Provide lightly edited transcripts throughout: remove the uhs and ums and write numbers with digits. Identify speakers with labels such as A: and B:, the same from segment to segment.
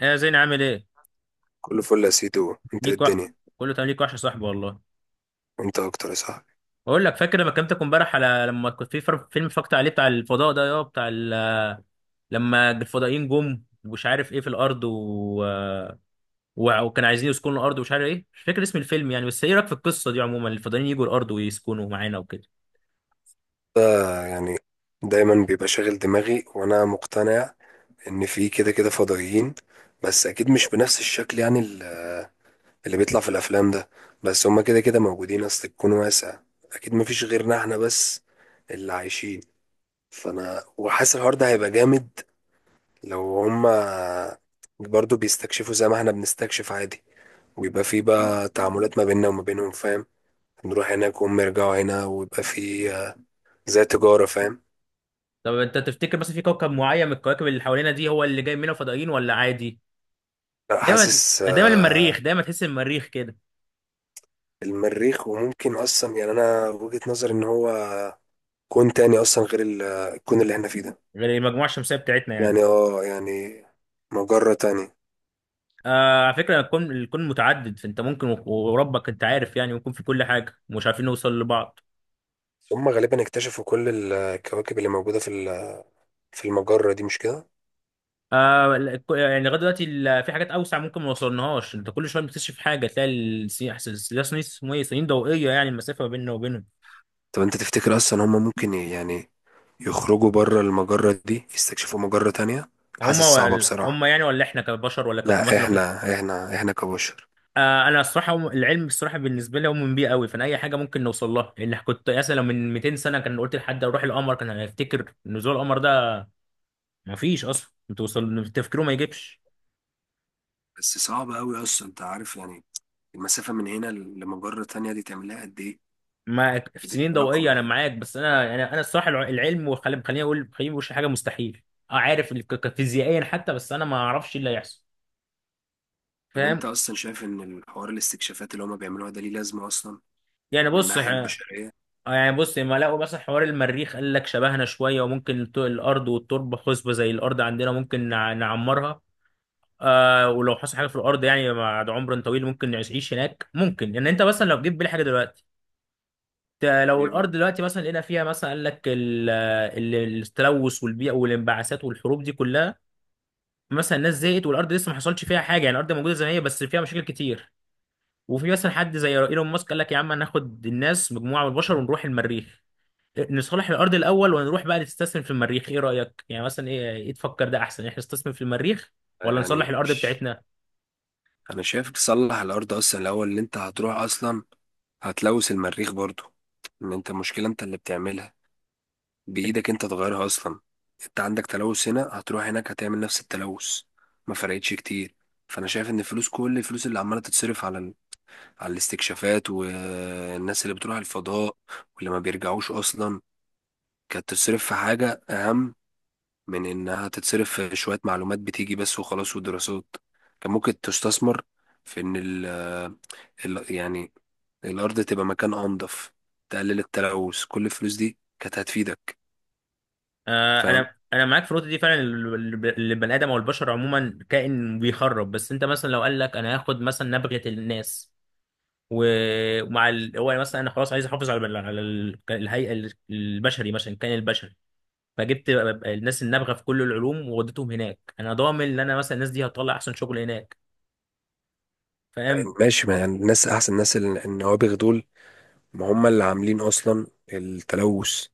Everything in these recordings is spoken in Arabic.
A: ايه يا زين عامل ايه؟
B: كله فل يا سيدو، انت ايه
A: ليك وح...
B: الدنيا.
A: كله تمام، ليك وحش يا صاحبي والله.
B: وانت اكتر يا صاحبي.
A: بقول لك، فاكر لما كلمتك امبارح على لما كنت في فيلم اتفرجت عليه بتاع الفضاء ده، يا بتاع ال... لما الفضائيين جم ومش عارف ايه في الارض و... و... وكان عايزين يسكنوا الارض ومش عارف ايه، مش فاكر اسم الفيلم يعني، بس ايه رايك في القصه دي عموما، الفضائيين يجوا الارض ويسكنوا معانا وكده؟
B: ده يعني دايما بيبقى شاغل دماغي وانا مقتنع ان في كده كده فضائيين، بس اكيد مش بنفس الشكل يعني اللي بيطلع في الافلام ده. بس هما كده كده موجودين، اصل الكون واسع، اكيد مفيش غيرنا احنا بس اللي عايشين. فانا وحاسس الحوار ده هيبقى جامد لو هما برضو بيستكشفوا زي ما احنا بنستكشف عادي، ويبقى في بقى تعاملات ما بيننا وما بينهم، فاهم؟ نروح هناك وهم يرجعوا هنا ويبقى في زي تجارة، فاهم؟
A: طب انت تفتكر مثلا في كوكب معين من الكواكب اللي حوالينا دي هو اللي جاي منه فضائيين ولا عادي؟
B: لا
A: دايما
B: حاسس
A: دايما المريخ، دايما تحس المريخ كده،
B: المريخ. وممكن أصلا يعني أنا وجهة نظري إن هو كون تاني أصلا غير الكون اللي احنا فيه ده.
A: غير المجموعه الشمسيه بتاعتنا يعني.
B: يعني اه يعني مجرة تانية.
A: آه، على فكرة، الكون متعدد، فانت ممكن و- وربك انت عارف يعني، ممكن في كل حاجة ومش عارفين نوصل لبعض.
B: هم غالبا اكتشفوا كل الكواكب اللي موجودة في في المجرة دي، مش كده؟
A: آه، يعني لغاية دلوقتي في حاجات أوسع ممكن ما وصلناهاش، انت كل شوية بتكتشف حاجة، تلاقي السنين اسمه ايه، سنين ضوئية، يعني المسافة ما بيننا وبينهم.
B: طب أنت تفتكر أصلا هم ممكن يعني يخرجوا بره المجرة دي يستكشفوا مجرة تانية؟
A: هما
B: حاسس صعبة
A: ولا
B: بصراحة.
A: هما يعني، ولا احنا كبشر، ولا كف
B: لا
A: مثلا في.
B: احنا احنا كبشر.
A: آه، انا الصراحه العلم الصراحه بالنسبه لي مؤمن بيه قوي، فانا اي حاجه ممكن نوصل لها. اللي كنت مثلا لو من 200 سنه كان قلت لحد اروح القمر كان هيفتكر نزول القمر ده مفيش اصلا، توصل تفكيره ما يجيبش.
B: بس صعب قوي اصلا، انت عارف يعني المسافة من هنا لمجرة تانية دي تعملها قد ايه؟
A: معاك في
B: كده كده
A: سنين ضوئيه،
B: رقم
A: انا
B: يعني.
A: معاك، بس انا الصراحه العلم، وخلي خليني اقول خليني مش حاجه مستحيل. اه، عارف فيزيائيا حتى، بس انا ما اعرفش إيه اللي هيحصل،
B: طب انت
A: فاهم.
B: اصلا شايف ان الحوار الاستكشافات اللي هما بيعملوها ده ليه لازمة اصلا،
A: يعني
B: من
A: بص،
B: الناحية البشرية؟
A: يعني بص، لما لقوا مثلا حوار المريخ، قال لك شبهنا شويه، وممكن الارض والتربه خصبه زي الارض عندنا، ممكن نعمرها. آه، ولو حصل حاجه في الارض يعني بعد عمر طويل ممكن نعيش هناك، ممكن يعني، انت مثلا لو جيت بالي حاجه دلوقتي، لو
B: ايه
A: الارض
B: بقى؟
A: دلوقتي مثلا لقينا فيها مثلا، قال لك التلوث والبيئه والانبعاثات والحروب دي كلها، مثلا الناس زهقت والارض لسه ما حصلش فيها حاجه، يعني الارض موجوده زي ما هي بس فيها مشاكل كتير، وفي مثلا حد زي ايلون ماسك قال لك يا عم هناخد الناس، مجموعه من البشر، ونروح المريخ، نصلح الارض الاول ونروح بقى نستثمر في المريخ. ايه رايك يعني؟ مثلا ايه، ايه تفكر، ده احسن احنا نستثمر في المريخ ولا نصلح
B: يعني
A: الارض
B: مش،
A: بتاعتنا؟
B: انا شايف تصلح الارض اصلا الاول. ان انت هتروح اصلا هتلوث المريخ برضو. ان انت المشكلة انت اللي بتعملها بايدك، انت تغيرها اصلا. انت عندك تلوث هنا، هتروح هناك هتعمل نفس التلوث، ما فرقتش كتير. فانا شايف ان الفلوس، كل الفلوس اللي عمالة تتصرف على الاستكشافات والناس اللي بتروح الفضاء واللي ما بيرجعوش أصلا، كانت تتصرف في حاجة أهم من إنها تتصرف في شوية معلومات بتيجي بس وخلاص ودراسات. كان ممكن تستثمر في إن ال- يعني الأرض تبقى مكان أنظف، تقلل التلوث. كل الفلوس دي كانت هتفيدك،
A: آه،
B: فاهم؟
A: انا معاك في النقطه دي فعلا، البني ادم او البشر عموما كائن بيخرب. بس انت مثلا لو قال لك، انا هاخد مثلا نبغه الناس، و- ومع ال... هو يعني مثلا، انا خلاص عايز احافظ على الهيئه البشري مثلا، الكائن البشري، فجبت الناس النابغه في كل العلوم ووديتهم هناك، انا ضامن ان انا مثلا الناس دي هتطلع احسن شغل هناك، فاهم.
B: ماشي، ما يعني الناس أحسن ناس النوابغ دول، ما هم اللي عاملين أصلا التلوث.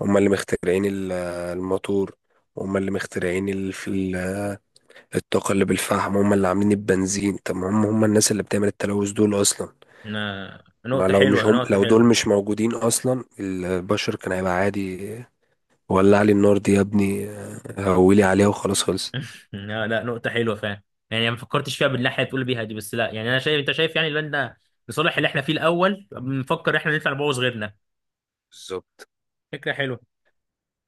B: هم اللي مخترعين الموتور، هم اللي مخترعين الطاقة اللي بالفحم، هم اللي عاملين البنزين. طب ما هم هم الناس اللي بتعمل التلوث دول أصلا.
A: أنا...
B: ما
A: نقطه
B: لو مش
A: حلوه،
B: هم،
A: نقطه
B: لو دول
A: حلوه.
B: مش موجودين أصلا البشر كان هيبقى عادي. ولع لي النار دي يا ابني، هولي عليها وخلاص خلص.
A: لا لا، نقطه حلوه، فاهم، يعني ما فكرتش فيها بالناحيه اللي بتقول بيها دي، بس لا يعني، انا شايف، انت شايف يعني ان احنا لصالح اللي احنا فيه الاول بنفكر، احنا نطلع نبوظ غيرنا.
B: بالظبط.
A: فكره حلوه.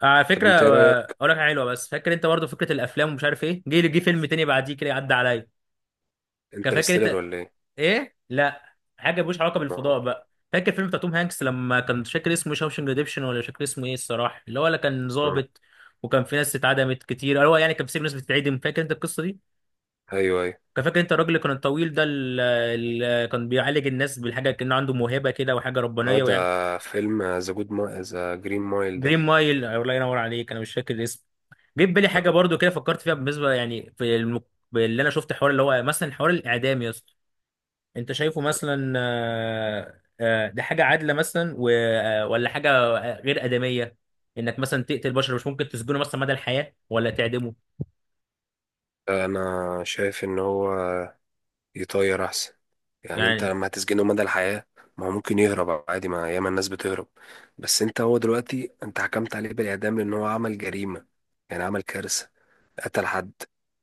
A: على
B: طب
A: فكره،
B: انت ايه
A: آه،
B: رأيك،
A: اقول لك حاجة حلوه، بس فاكر انت برضو فكره الافلام ومش عارف ايه، جه فيلم تاني بعديه كده عدى عليا، كان فاكر
B: انترستيلر
A: انت
B: ولا ايه؟
A: ايه؟ لا، حاجه ملوش علاقه
B: اه.
A: بالفضاء بقى، فاكر فيلم بتاع توم هانكس، لما كان مش فاكر اسمه، شاوشنج ريديمشن، ولا مش فاكر اسمه ايه الصراحه، اللي هو اللي كان
B: اه.
A: ظابط وكان في ناس اتعدمت كتير، هو يعني كان في سجن ناس بتتعدم، فاكر انت القصه دي؟
B: ايوه ايوه.
A: كان فاكر انت الراجل اللي كان الطويل ده اللي كان بيعالج الناس بالحاجه، كان عنده موهبه كده وحاجه
B: اه
A: ربانيه
B: ده
A: ويعني.
B: فيلم ذا جود، ما ذا جرين مايل ده.
A: دريم مايل، الله ينور عليك، انا مش فاكر الاسم. جه في بالي حاجه
B: آه.
A: برضو كده، فكرت فيها بالنسبه يعني في الم... اللي انا شفت حوار اللي هو مثلا، حوار الاعدام يا اسطى، انت شايفه مثلا، آه، آه، ده حاجه عادله مثلا، آه، ولا حاجه غير ادميه، انك مثلا تقتل بشر، مش ممكن تسجنه مثلا مدى الحياه ولا تعدمه،
B: انا شايف ان هو يطير احسن، يعني انت
A: يعني.
B: لما هتسجنه مدى الحياة، ما هو ممكن يهرب عادي، ما ياما الناس بتهرب. بس انت هو دلوقتي انت حكمت عليه بالاعدام لان هو عمل جريمة، يعني عمل كارثة، قتل حد.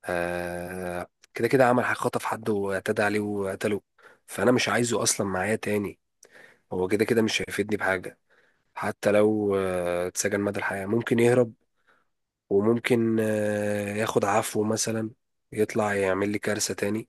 B: آه كده كده عمل حاجة، خطف حد واعتدى عليه وقتله. فانا مش عايزه اصلا معايا تاني، هو كده كده مش هيفيدني بحاجة. حتى لو اتسجن مدى الحياة ممكن يهرب، وممكن ياخد عفو مثلا، يطلع يعمل لي كارثة تاني.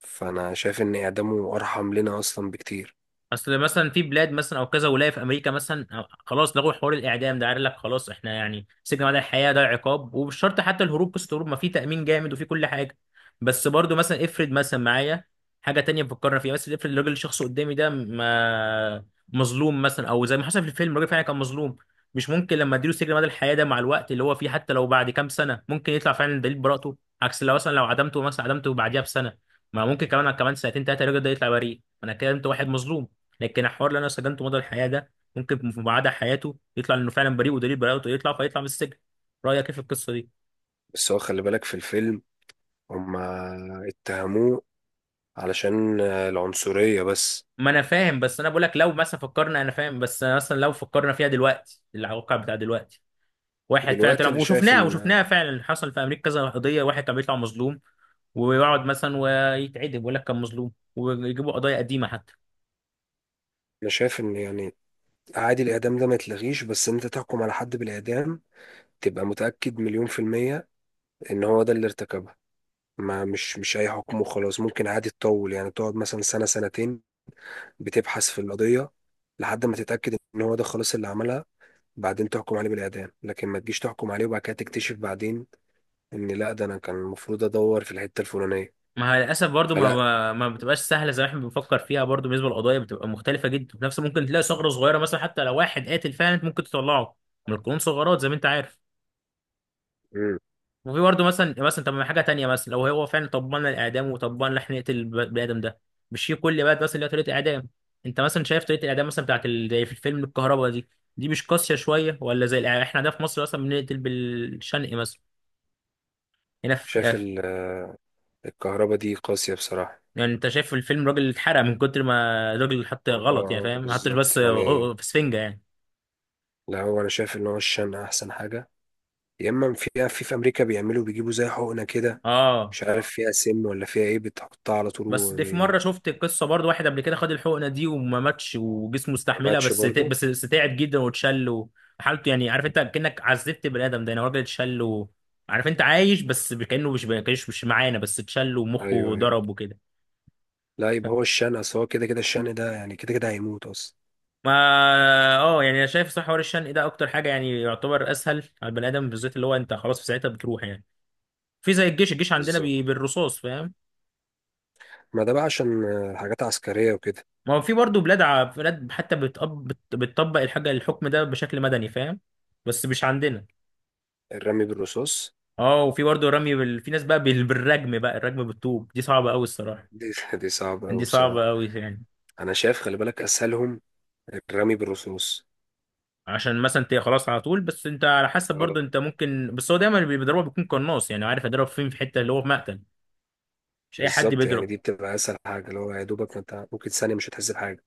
B: فانا شايف ان اعدامه ارحم لنا اصلا بكتير.
A: اصل مثلا في بلاد مثلا او كذا ولايه في امريكا مثلا، آه، خلاص لغوا حوار الاعدام ده، قال لك خلاص، احنا يعني سجن مدى الحياه ده عقاب، ومش شرط حتى الهروب، قصه الهروب ما في تامين جامد وفي كل حاجه. بس برضو مثلا افرض مثلا معايا حاجه تانية بفكرنا فيها، بس افرض الراجل الشخص قدامي ده ما مظلوم مثلا، او زي ما حصل في الفيلم الراجل فعلا كان مظلوم، مش ممكن لما اديله سجن مدى الحياه ده مع الوقت اللي هو فيه، حتى لو بعد كام سنه ممكن يطلع فعلا دليل براءته، عكس لو مثلا، لو عدمته مثلا، عدمته بعديها بسنه، ما ممكن كمان، كمان سنتين ثلاثه الراجل ده يطلع بريء، انا كده انت واحد مظلوم. لكن الحوار اللي انا سجنته مدى الحياه ده ممكن في بعد حياته يطلع انه فعلا بريء ودليل براءته يطلع، فيطلع من السجن. رايك ايه في القصه دي؟
B: بس هو خلي بالك في الفيلم، هما اتهموه علشان العنصرية بس.
A: ما انا فاهم، بس انا بقول لك لو مثلا فكرنا، انا فاهم، بس مثلا لو فكرنا فيها دلوقتي، الواقع بتاع دلوقتي، واحد فعلا
B: دلوقتي
A: طلع وشفناها، وشفناها فعلا، حصل في امريكا كذا قضيه، واحد كان بيطلع مظلوم ويقعد مثلا ويتعدم، ويقول لك كان مظلوم، ويجيبوا قضايا قديمه حتى.
B: انا شايف ان يعني عادي الاعدام ده ما يتلغيش، بس انت تحكم على حد بالاعدام تبقى متأكد مليون في المية ان هو ده اللي ارتكبها. ما مش اي حكم وخلاص، ممكن عادي تطول، يعني تقعد مثلا سنة سنتين بتبحث في القضية لحد ما تتأكد ان هو ده خلاص اللي عملها، بعدين تحكم عليه بالإعدام. لكن ما تجيش تحكم عليه وبعد كده تكتشف بعدين ان لا، ده انا كان المفروض ادور في الحتة الفلانية.
A: ما هي للاسف برضو ما
B: فلا.
A: ما ما بتبقاش سهله زي ما احنا بنفكر فيها، برضو بالنسبه للقضايا بتبقى مختلفه جدا، وفي نفس ممكن تلاقي ثغره صغيره مثلا، حتى لو واحد قاتل فعلا انت ممكن تطلعه من القانون، ثغرات زي ما انت عارف.
B: مم.
A: وفي برضو مثلا، مثلا طب، ما حاجه تانيه مثلا، لو هو فعلا طبقنا الاعدام، وطبقنا احنا نقتل البني ادم ده، مش في كل بلد مثلا ليها طريقه اعدام؟ انت مثلا شايف طريقه الاعدام مثلا بتاعت زي في الفيلم الكهرباء دي، دي مش قاسيه شويه؟ ولا زي احنا ده في مصر اصلا بنقتل بالشنق مثلا، هنا في.
B: شاف الكهرباء دي قاسية بصراحة.
A: يعني انت شايف في الفيلم راجل اتحرق من كتر ما الراجل حط غلط، يعني
B: اه،
A: فاهم، ما حطش
B: بالظبط
A: بس
B: يعني.
A: في سفنجة يعني.
B: لا هو انا شايف ان هو الشن احسن حاجة. يا اما في امريكا بيعملوا بيجيبوا زي حقنة كده،
A: اه،
B: مش عارف فيها سم ولا فيها ايه، بتحطها على طول
A: بس دي في
B: وما
A: مره شفت قصه برضو، واحد قبل كده خد الحقنه دي وما ماتش، وجسمه استحملها،
B: ماتش
A: بس ت-
B: برضو.
A: بس بس تعب جدا واتشل، وحالته يعني عارف انت، كانك عذبت بني ادم ده، يعني هو راجل اتشل عارف انت، عايش، بس كانه مش كانش مش معانا، بس اتشل ومخه
B: ايوه ايوه،
A: ضرب وكده.
B: لا
A: ف-
B: يبقى هو الشن، اصل هو كده كده الشن ده يعني كده كده هيموت اصلا.
A: ما اه يعني انا شايف صح، حوار الشنق ده اكتر حاجه يعني يعتبر اسهل على البني ادم بالذات، اللي هو انت خلاص في ساعتها بتروح يعني. في زي الجيش، الجيش عندنا
B: بالظبط،
A: بي... بالرصاص، فاهم.
B: ما ده بقى عشان حاجات عسكرية وكده.
A: ما هو في برضه بلاد ع... بلاد حتى بتقب... بت... بتطبق الحاجه الحكم ده بشكل مدني، فاهم، بس مش عندنا.
B: الرمي بالرصاص،
A: اه، وفي برضه رمي بال... في ناس بقى بال... بالرجم، بقى الرجم بالطوب دي صعبه قوي الصراحه،
B: دي دي صعبة أوي
A: دي صعبه
B: بصراحة.
A: قوي يعني.
B: انا شايف خلي بالك اسهلهم الرمي بالرصاص.
A: عشان مثلا انت خلاص على طول، بس انت على حسب برضه،
B: اه،
A: انت ممكن، بس هو دايما اللي بيضربها بيكون قناص، يعني عارف يضرب فين، في حته اللي هو في مقتل، مش اي حد
B: بالظبط يعني،
A: بيضرب.
B: دي بتبقى اسهل حاجه، اللي هو يا دوبك ما انت ممكن ثانيه مش هتحس بحاجه.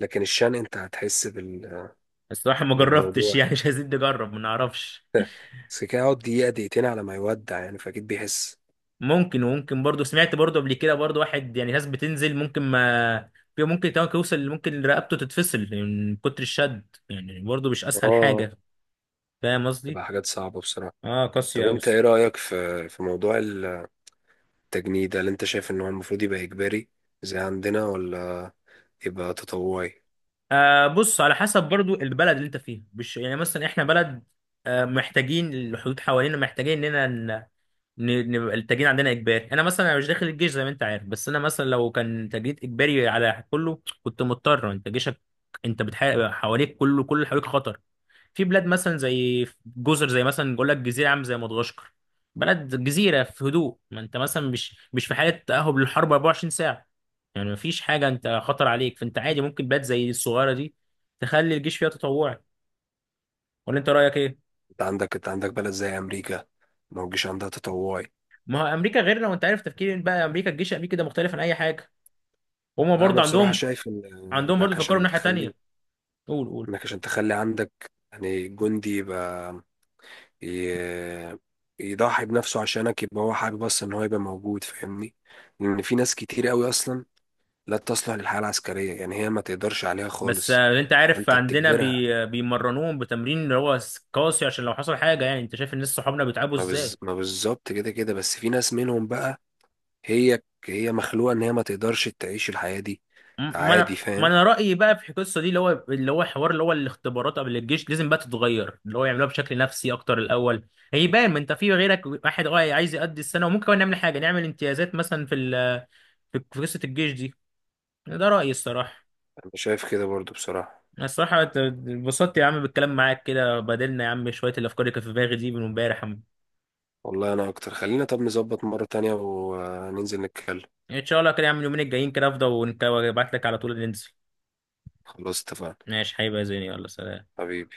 B: لكن الشن انت هتحس
A: الصراحه ما جربتش
B: بالموضوع.
A: يعني، مش عايزين نجرب، ما نعرفش.
B: بس كده يقعد دقيقه دقيقتين على ما يودع يعني، فاكيد بيحس.
A: ممكن، وممكن برضو سمعت برضو قبل كده برضو واحد يعني، ناس بتنزل ممكن ما في، ممكن كمان يوصل، ممكن رقبته تتفصل من كتر الشد، يعني برضو مش اسهل
B: اه،
A: حاجه، فاهم قصدي.
B: تبقى حاجات صعبه بصراحه.
A: اه، قاسيه
B: طب
A: قوي.
B: انت ايه رايك في موضوع التجنيد، هل انت شايف ان هو المفروض يبقى اجباري زي عندنا ولا يبقى تطوعي؟
A: آه، بص على حسب برضو البلد اللي انت فيها، مش يعني مثلا احنا بلد، آه محتاجين الحدود حوالينا، محتاجين اننا نبقى التجنيد عندنا اجباري. انا مثلا، أنا مش داخل الجيش زي ما انت عارف، بس انا مثلا لو كان تجنيد اجباري على كله كنت مضطر، انت جيشك، انت بتحارب حواليك كله، كل اللي حواليك خطر. في بلاد مثلا زي جزر، زي مثلا بقول لك جزيره عامه زي مدغشقر، بلد جزيره في هدوء، ما انت مثلا مش في حاله تاهب للحرب 24 ساعه يعني، ما فيش حاجه انت خطر عليك، فانت عادي ممكن بلاد زي الصغيره دي تخلي الجيش فيها تطوعي. ولا انت رايك ايه؟
B: انت عندك بلد زي امريكا، ما هوجيش عندها تطوعي.
A: ما هو امريكا غيرنا، وانت عارف تفكير بقى امريكا، الجيش الامريكي ده مختلف عن اي حاجه. هما
B: لا، انا
A: برضه
B: بصراحه
A: عندهم،
B: شايف ان،
A: عندهم برضه
B: انك
A: فكروا من
B: عشان
A: ناحيه
B: تخلي
A: تانيه. قول، قول.
B: انك عشان تخلي عندك يعني جندي يبقى ي- يضحي بنفسه عشانك، يبقى هو حابب اصلا ان هو يبقى موجود، فاهمني؟ لان في ناس كتير قوي اصلا لا تصلح للحياة العسكرية، يعني هي ما تقدرش عليها
A: بس
B: خالص.
A: آه، انت عارف
B: انت
A: عندنا
B: بتجبرها.
A: بي... بيمرنوهم بتمرين اللي هو قاسي، عشان لو حصل حاجه، يعني انت شايف الناس صحابنا بيتعبوا ازاي.
B: ما بالظبط كده كده، بس في ناس منهم بقى هي مخلوقة ان هي ما تقدرش تعيش الحياة دي.
A: ما
B: عادي
A: انا ما
B: فاهم.
A: انا رايي بقى في القصه دي، اللي هو اللي هو حوار اللي هو الاختبارات قبل الجيش لازم بقى تتغير، اللي هو يعملوها بشكل نفسي اكتر الاول، هيبان، ما انت في غيرك واحد اه عايز يقضي السنه، وممكن كمان نعمل حاجه، نعمل امتيازات مثلا في ال، في قصه الجيش دي. ده رايي الصراحه.
B: انا شايف كده برضو بصراحة.
A: أنا الصراحه اتبسطت يا عم بالكلام معاك كده، بدلنا يا عم شويه الافكار اللي كانت في دماغي دي من امبارح يا عم.
B: والله انا اكتر، خلينا طب نظبط مرة تانية وننزل نتكلم.
A: ان شاء الله كده يا عم، اليومين الجايين كده افضل وابعت لك على طول ننزل.
B: خلاص اتفقنا.
A: ماشي حبيبي يا زيني، يلا سلام.
B: حبيبي.